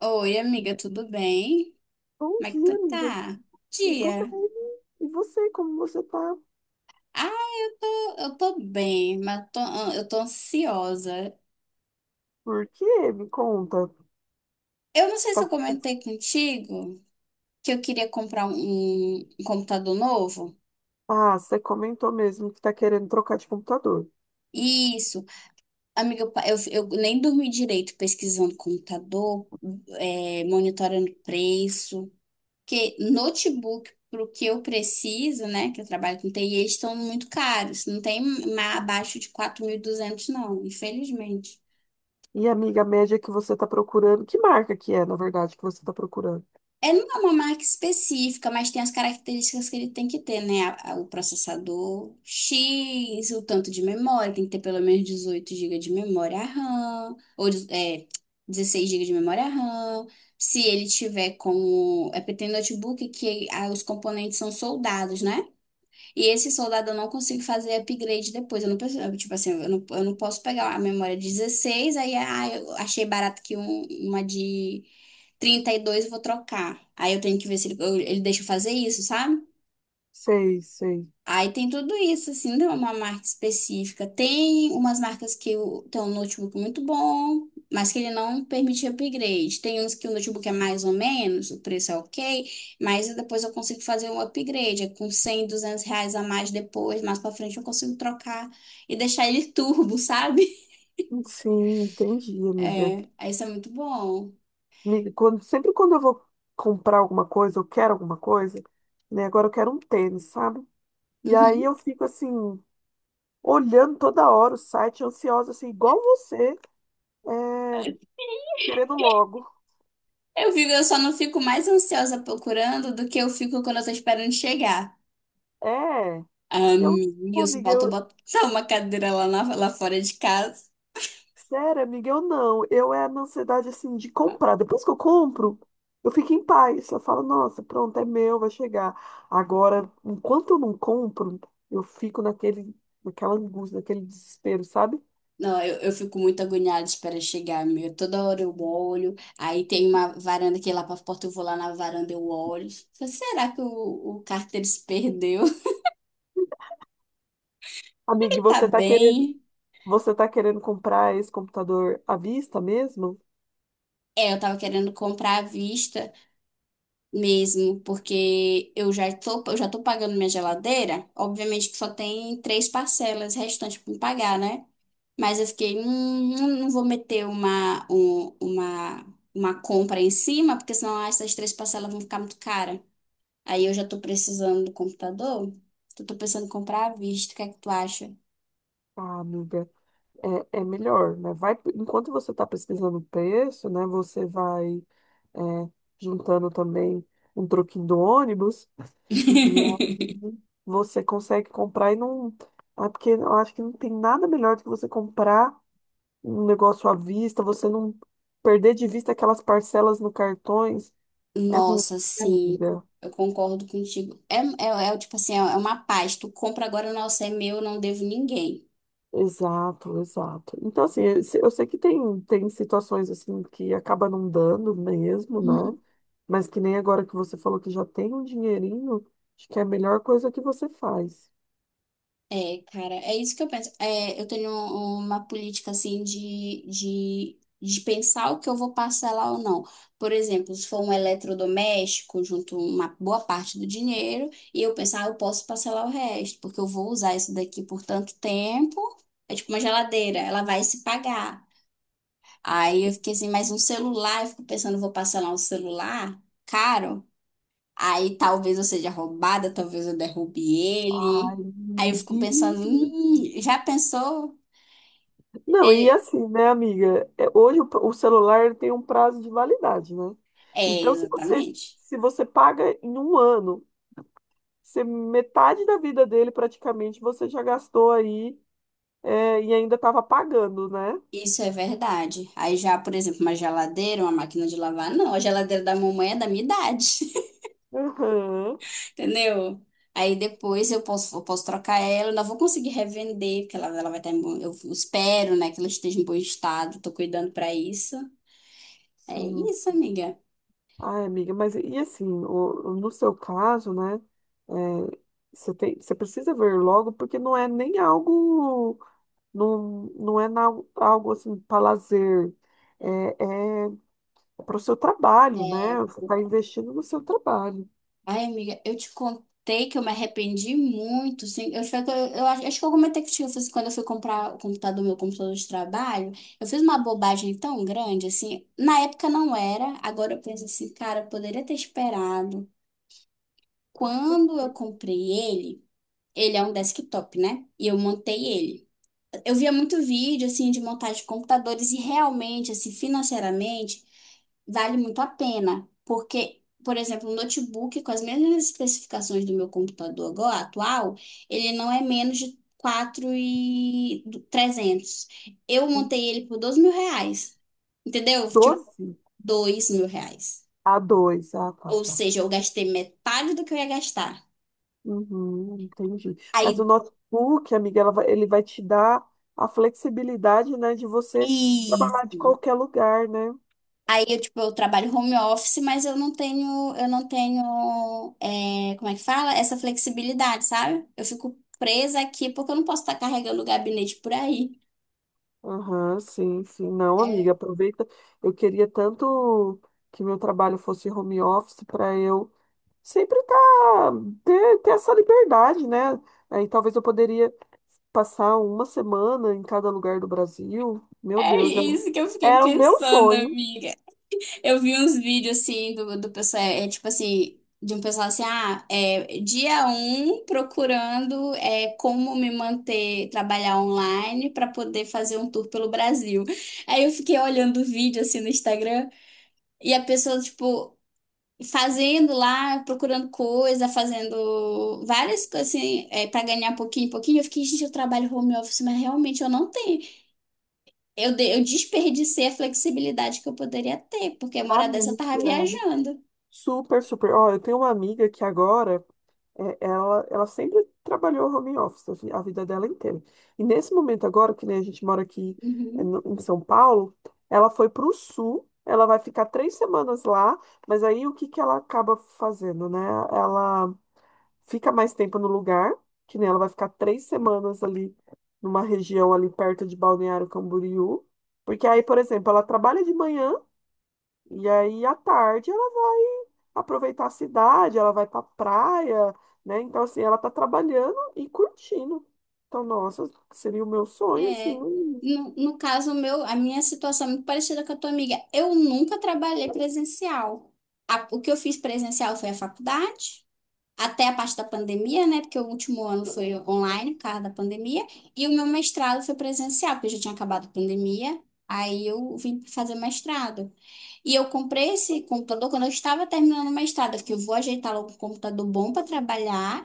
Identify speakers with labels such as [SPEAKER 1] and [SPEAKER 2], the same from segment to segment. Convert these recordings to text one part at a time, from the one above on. [SPEAKER 1] Oi, amiga, tudo bem?
[SPEAKER 2] Bom
[SPEAKER 1] Como é que
[SPEAKER 2] dia,
[SPEAKER 1] tu
[SPEAKER 2] amiga.
[SPEAKER 1] tá? Bom
[SPEAKER 2] Eu tô
[SPEAKER 1] dia.
[SPEAKER 2] bem. E você, como você tá?
[SPEAKER 1] Ah, eu tô bem, mas eu tô ansiosa.
[SPEAKER 2] Por quê? Me conta.
[SPEAKER 1] Eu não
[SPEAKER 2] Você
[SPEAKER 1] sei se eu
[SPEAKER 2] tá-
[SPEAKER 1] comentei contigo que eu queria comprar um computador novo.
[SPEAKER 2] ah, você comentou mesmo que tá querendo trocar de computador.
[SPEAKER 1] Isso. Amiga, eu, pa- eu nem dormi direito pesquisando computador, monitorando preço. Porque notebook, para o que eu preciso, né, que eu trabalho com TI, eles estão muito caros. Não tem abaixo de 4.200 não, infelizmente.
[SPEAKER 2] E, amiga, a média que você tá procurando, que marca que é, na verdade, que você tá procurando?
[SPEAKER 1] É, não é uma marca específica, mas tem as características que ele tem que ter, né? O processador X, o tanto de memória, tem que ter pelo menos 18 gigas de memória RAM, ou 16 gigas de memória RAM. Se ele tiver com. É porque tem notebook que os componentes são soldados, né? E esse soldado eu não consigo fazer upgrade depois. Eu, tipo assim, eu não posso pegar a memória 16 aí eu achei barato que uma de 32 eu vou trocar. Aí eu tenho que ver se ele deixa eu fazer isso, sabe?
[SPEAKER 2] Sei, sei.
[SPEAKER 1] Aí tem tudo isso, assim, não é uma marca específica. Tem umas marcas tem um notebook muito bom, mas que ele não permite upgrade. Tem uns que o notebook é mais ou menos, o preço é ok, mas depois eu consigo fazer um upgrade, é com 100 200 reais a mais depois, mais pra frente eu consigo trocar e deixar ele turbo, sabe?
[SPEAKER 2] Sim, entendi, amiga.
[SPEAKER 1] É, aí isso é muito bom.
[SPEAKER 2] Amiga, sempre quando eu vou comprar alguma coisa, eu quero alguma coisa, né? Agora eu quero um tênis, sabe? E aí
[SPEAKER 1] Uhum.
[SPEAKER 2] eu fico assim, olhando toda hora o site, ansiosa, assim, igual você. É, querendo logo.
[SPEAKER 1] Eu só não fico mais ansiosa procurando do que eu fico quando eu tô esperando chegar.
[SPEAKER 2] É, eu, pô,
[SPEAKER 1] Wilson,
[SPEAKER 2] amiga,
[SPEAKER 1] falta
[SPEAKER 2] eu,
[SPEAKER 1] botar uma cadeira lá, lá fora de casa.
[SPEAKER 2] sério, amiga, eu não. Eu é na ansiedade, assim, de comprar. Depois que eu compro, eu fico em paz. Eu falo, nossa, pronto, é meu, vai chegar. Agora, enquanto eu não compro, eu fico naquela angústia, naquele desespero, sabe?
[SPEAKER 1] Não, eu fico muito agoniada de chegar, meu. Toda hora eu olho. Aí tem uma varanda que é lá pra porta, eu vou lá na varanda, eu olho. Falei, será que o Carter se perdeu?
[SPEAKER 2] Amiga, e
[SPEAKER 1] Ele tá bem?
[SPEAKER 2] você tá querendo comprar esse computador à vista mesmo?
[SPEAKER 1] É, eu tava querendo comprar à vista mesmo, porque eu já tô pagando minha geladeira. Obviamente que só tem 3 parcelas restantes pra me pagar, né? Mas eu fiquei, não vou meter uma compra em cima, porque senão essas 3 parcelas vão ficar muito cara. Aí eu já tô precisando do computador. Então, tô pensando em comprar à vista. O que é que tu acha?
[SPEAKER 2] Ah, amiga, é, é melhor, né? Vai, enquanto você tá pesquisando o preço, né, você vai é, juntando também um troquinho do ônibus, e aí você consegue comprar e não. É porque eu acho que não tem nada melhor do que você comprar um negócio à vista, você não perder de vista aquelas parcelas no cartões, é ruim,
[SPEAKER 1] Nossa,
[SPEAKER 2] né,
[SPEAKER 1] sim,
[SPEAKER 2] amiga.
[SPEAKER 1] eu concordo contigo. É o tipo assim, é uma paz. Tu compra agora, nossa, é meu, eu não devo ninguém.
[SPEAKER 2] Exato, exato. Então, assim, eu se- eu sei que tem situações assim que acaba não dando mesmo, né? Mas que nem agora que você falou que já tem um dinheirinho, acho que é a melhor coisa que você faz.
[SPEAKER 1] É, cara, é isso que eu penso. É, eu tenho uma política assim de pensar o que eu vou parcelar ou não. Por exemplo, se for um eletrodoméstico, junto uma boa parte do dinheiro, e eu pensar, ah, eu posso parcelar o resto, porque eu vou usar isso daqui por tanto tempo. É tipo uma geladeira, ela vai se pagar. Aí eu fiquei assim, mas um celular, eu fico pensando, vou parcelar um celular caro? Aí talvez eu seja roubada, talvez eu derrube ele.
[SPEAKER 2] Ai,
[SPEAKER 1] Aí eu
[SPEAKER 2] meu
[SPEAKER 1] fico pensando,
[SPEAKER 2] Deus.
[SPEAKER 1] já pensou?
[SPEAKER 2] Não, e
[SPEAKER 1] Ele,
[SPEAKER 2] assim, né, amiga? É, hoje o celular tem um prazo de validade, né?
[SPEAKER 1] é,
[SPEAKER 2] Então, se você,
[SPEAKER 1] exatamente.
[SPEAKER 2] Se você paga em um ano, você, metade da vida dele praticamente você já gastou aí, é, e ainda estava pagando, né?
[SPEAKER 1] Isso é verdade. Aí já, por exemplo, uma geladeira, uma máquina de lavar, não, a geladeira da mamãe é da minha idade,
[SPEAKER 2] Aham.
[SPEAKER 1] entendeu? Aí depois eu posso trocar ela, eu não vou conseguir revender, porque ela vai estar em bom, eu espero, né, que ela esteja em bom estado, tô cuidando pra isso. É
[SPEAKER 2] Sim,
[SPEAKER 1] isso,
[SPEAKER 2] sim.
[SPEAKER 1] amiga.
[SPEAKER 2] Ai, amiga, mas e assim, no seu caso, né, é, você tem, você precisa ver logo, porque não é nem algo, não, não é na- algo assim para lazer, é, é para o seu trabalho, né?
[SPEAKER 1] É,
[SPEAKER 2] Você está investindo no seu trabalho.
[SPEAKER 1] ai, amiga, eu te contei que eu me arrependi muito, sim. Eu acho que eu comentei contigo, assim, quando eu fui comprar o computador, meu computador de trabalho, eu fiz uma bobagem tão grande, assim. Na época não era, agora eu penso assim, cara, eu poderia ter esperado. Quando eu comprei ele, ele é um desktop, né? E eu montei ele. Eu via muito vídeo, assim, de montagem de computadores e realmente, assim, financeiramente, vale muito a pena. Porque, por exemplo, um notebook com as mesmas especificações do meu computador agora, atual, ele não é menos de 4.300. Eu montei ele por 12 mil reais. Entendeu? Tipo,
[SPEAKER 2] Doze
[SPEAKER 1] 2.000 reais.
[SPEAKER 2] a dois, ah, tá,
[SPEAKER 1] Ou
[SPEAKER 2] tá.
[SPEAKER 1] seja, eu gastei metade do que eu ia gastar.
[SPEAKER 2] Uhum, entendi. Mas o
[SPEAKER 1] Aí,
[SPEAKER 2] notebook, amiga, ele vai te dar a flexibilidade, né, de você trabalhar de
[SPEAKER 1] isso.
[SPEAKER 2] qualquer lugar, né?
[SPEAKER 1] Aí eu, tipo, eu trabalho home office, mas eu não tenho, como é que fala? Essa flexibilidade, sabe? Eu fico presa aqui porque eu não posso estar carregando o gabinete por aí.
[SPEAKER 2] Aham, sim, sim. Não,
[SPEAKER 1] É,
[SPEAKER 2] amiga, aproveita. Eu queria tanto que meu trabalho fosse home office para eu sempre tá, ter essa liberdade, né? Aí talvez eu poderia passar uma semana em cada lugar do Brasil, meu
[SPEAKER 1] é
[SPEAKER 2] Deus, era,
[SPEAKER 1] isso que eu fiquei
[SPEAKER 2] era o meu
[SPEAKER 1] pensando,
[SPEAKER 2] sonho.
[SPEAKER 1] amiga. Eu vi uns vídeos assim do pessoal, é tipo assim, de um pessoal assim, dia um procurando, como me manter, trabalhar online para poder fazer um tour pelo Brasil. Aí eu fiquei olhando o vídeo assim no Instagram. E a pessoa, tipo, fazendo lá, procurando coisa, fazendo várias coisas assim, para ganhar pouquinho pouquinho. Eu fiquei, gente, eu trabalho home office, mas realmente eu não tenho. Eu desperdicei a flexibilidade que eu poderia ter, porque a morada dessa eu tava
[SPEAKER 2] Amiga,
[SPEAKER 1] viajando.
[SPEAKER 2] super, super. Ó, eu tenho uma amiga que agora, é, ela sempre trabalhou home office a vida dela inteira. E nesse momento agora, que nem a gente mora aqui é,
[SPEAKER 1] Uhum.
[SPEAKER 2] em São Paulo, ela foi para o sul, ela vai ficar três semanas lá, mas aí o que que ela acaba fazendo, né? Ela fica mais tempo no lugar, que nem ela vai ficar três semanas ali numa região ali perto de Balneário Camboriú, porque aí, por exemplo, ela trabalha de manhã e aí à tarde ela vai aproveitar a cidade, ela vai pra praia, né? Então, assim, ela tá trabalhando e curtindo. Então, nossa, seria o meu sonho, assim,
[SPEAKER 1] É.
[SPEAKER 2] um-
[SPEAKER 1] No caso meu, a minha situação é muito parecida com a tua amiga. Eu nunca trabalhei presencial. O que eu fiz presencial foi a faculdade, até a parte da pandemia, né? Porque o último ano foi online, por causa da pandemia, e o meu mestrado foi presencial, porque já tinha acabado a pandemia. Aí eu vim fazer mestrado. E eu comprei esse computador quando eu estava terminando o mestrado. Eu fiquei, eu vou ajeitar logo um computador bom para trabalhar,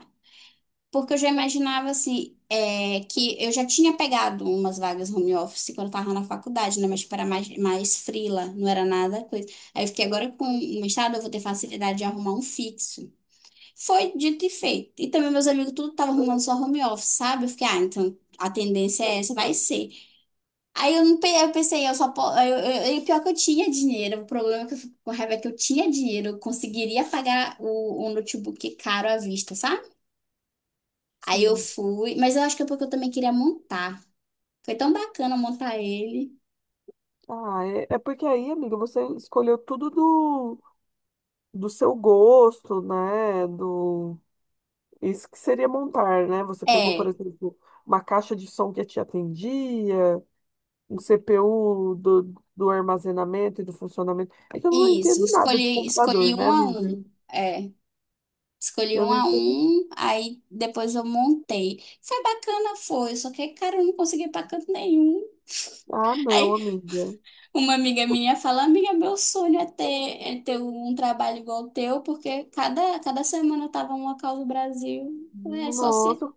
[SPEAKER 1] porque eu já imaginava assim, que eu já tinha pegado umas vagas home office quando eu estava na faculdade, né? Mas para mais, mais freela, não era nada coisa. Aí eu fiquei agora com o mestrado, eu vou ter facilidade de arrumar um fixo. Foi dito e feito. E também meus amigos tudo estavam arrumando só home office, sabe? Eu fiquei, então a tendência é essa, vai ser. Aí eu não pe- eu pensei, eu só po- eu- pior é que eu tinha dinheiro. O problema é que eu fico com raiva é que eu tinha dinheiro, eu conseguiria pagar o notebook caro à vista, sabe? Aí eu
[SPEAKER 2] sim.
[SPEAKER 1] fui, mas eu acho que é porque eu também queria montar. Foi tão bacana montar ele.
[SPEAKER 2] Ah, é, é porque aí, amiga, você escolheu tudo do seu gosto, né? Do isso que seria montar, né? Você pegou, por
[SPEAKER 1] É,
[SPEAKER 2] exemplo, uma caixa de som que te atendia, um CPU do armazenamento e do funcionamento. É que eu não
[SPEAKER 1] isso,
[SPEAKER 2] entendo nada de
[SPEAKER 1] escolhi,
[SPEAKER 2] computador,
[SPEAKER 1] escolhi
[SPEAKER 2] né,
[SPEAKER 1] um a
[SPEAKER 2] amiga?
[SPEAKER 1] um. É. Escolhi
[SPEAKER 2] Eu
[SPEAKER 1] um
[SPEAKER 2] não
[SPEAKER 1] a
[SPEAKER 2] entendo.
[SPEAKER 1] um, aí depois eu montei. Foi bacana, foi, só que, cara, eu não consegui para canto nenhum.
[SPEAKER 2] Ah, não,
[SPEAKER 1] Aí
[SPEAKER 2] amiga.
[SPEAKER 1] uma amiga minha fala, amiga, meu sonho é ter, um trabalho igual o teu, porque cada, cada semana eu tava em um local do Brasil. É
[SPEAKER 2] Nossa,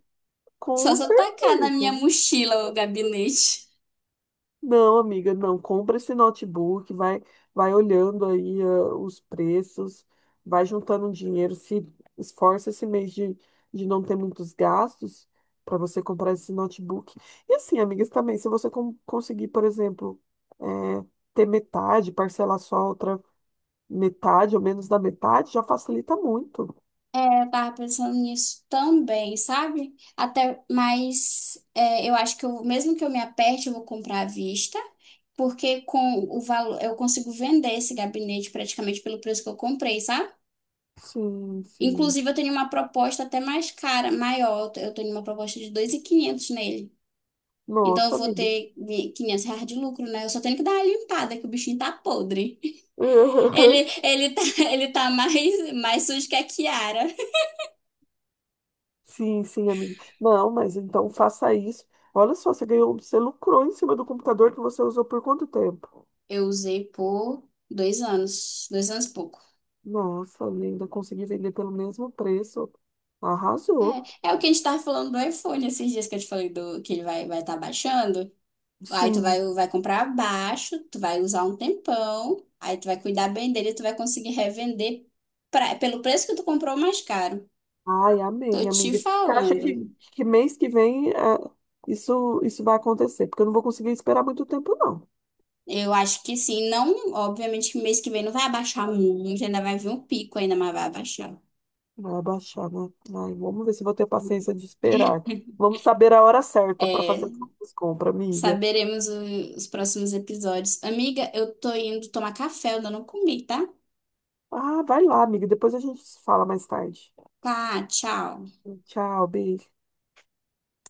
[SPEAKER 1] só
[SPEAKER 2] com
[SPEAKER 1] se eu tacar na
[SPEAKER 2] certeza.
[SPEAKER 1] minha mochila o gabinete.
[SPEAKER 2] Não, amiga, não. Compra esse notebook, vai, vai olhando aí ah, os preços, vai juntando um dinheiro, se esforça esse mês de não ter muitos gastos para você comprar esse notebook. E assim, amigas, também, se você conseguir, por exemplo, eh, ter metade, parcelar só a outra metade ou menos da metade, já facilita muito.
[SPEAKER 1] Eu tava pensando nisso também, sabe? Até, mas eu acho que eu, mesmo que eu me aperte, eu vou comprar à vista, porque com o valor eu consigo vender esse gabinete praticamente pelo preço que eu comprei, sabe?
[SPEAKER 2] Sim, sim.
[SPEAKER 1] Inclusive, eu tenho uma proposta até mais cara, maior. Eu tenho uma proposta de 2.500 nele. Então,
[SPEAKER 2] Nossa,
[SPEAKER 1] eu vou
[SPEAKER 2] amiga.
[SPEAKER 1] ter 500 reais de lucro, né? Eu só tenho que dar uma limpada, que o bichinho tá podre. Ele, ele tá, ele tá mais, mais sujo que a Kiara.
[SPEAKER 2] Sim, sim, amiga. Não, mas então faça isso. Olha só, você ganhou, você lucrou em cima do computador que você usou por quanto tempo?
[SPEAKER 1] Eu usei por 2 anos, 2 anos e pouco.
[SPEAKER 2] Nossa, ainda consegui vender pelo mesmo preço. Arrasou.
[SPEAKER 1] É, é o que a gente tava falando do iPhone esses dias que eu te falei que ele vai estar baixando. Aí tu
[SPEAKER 2] Sim.
[SPEAKER 1] vai comprar abaixo, tu vai usar um tempão, aí tu vai cuidar bem dele, tu vai conseguir revender pelo preço que tu comprou mais caro.
[SPEAKER 2] Ai,
[SPEAKER 1] Tô
[SPEAKER 2] amém,
[SPEAKER 1] te
[SPEAKER 2] amiga. Você acha
[SPEAKER 1] falando.
[SPEAKER 2] que mês que vem é, isso vai acontecer? Porque eu não vou conseguir esperar muito tempo, não.
[SPEAKER 1] Eu acho que sim, não, obviamente que mês que vem não vai abaixar muito, ainda vai vir um pico ainda, mas vai abaixar.
[SPEAKER 2] Vai abaixar, né? Ai, vamos ver se eu vou ter paciência de esperar. Vamos saber a hora certa para
[SPEAKER 1] É,
[SPEAKER 2] fazer as compras, amiga.
[SPEAKER 1] saberemos os próximos episódios. Amiga, eu tô indo tomar café, eu ainda não comi, tá?
[SPEAKER 2] Ah, vai lá, amiga. Depois a gente se fala mais tarde.
[SPEAKER 1] Tá, tchau.
[SPEAKER 2] Tchau, beijo.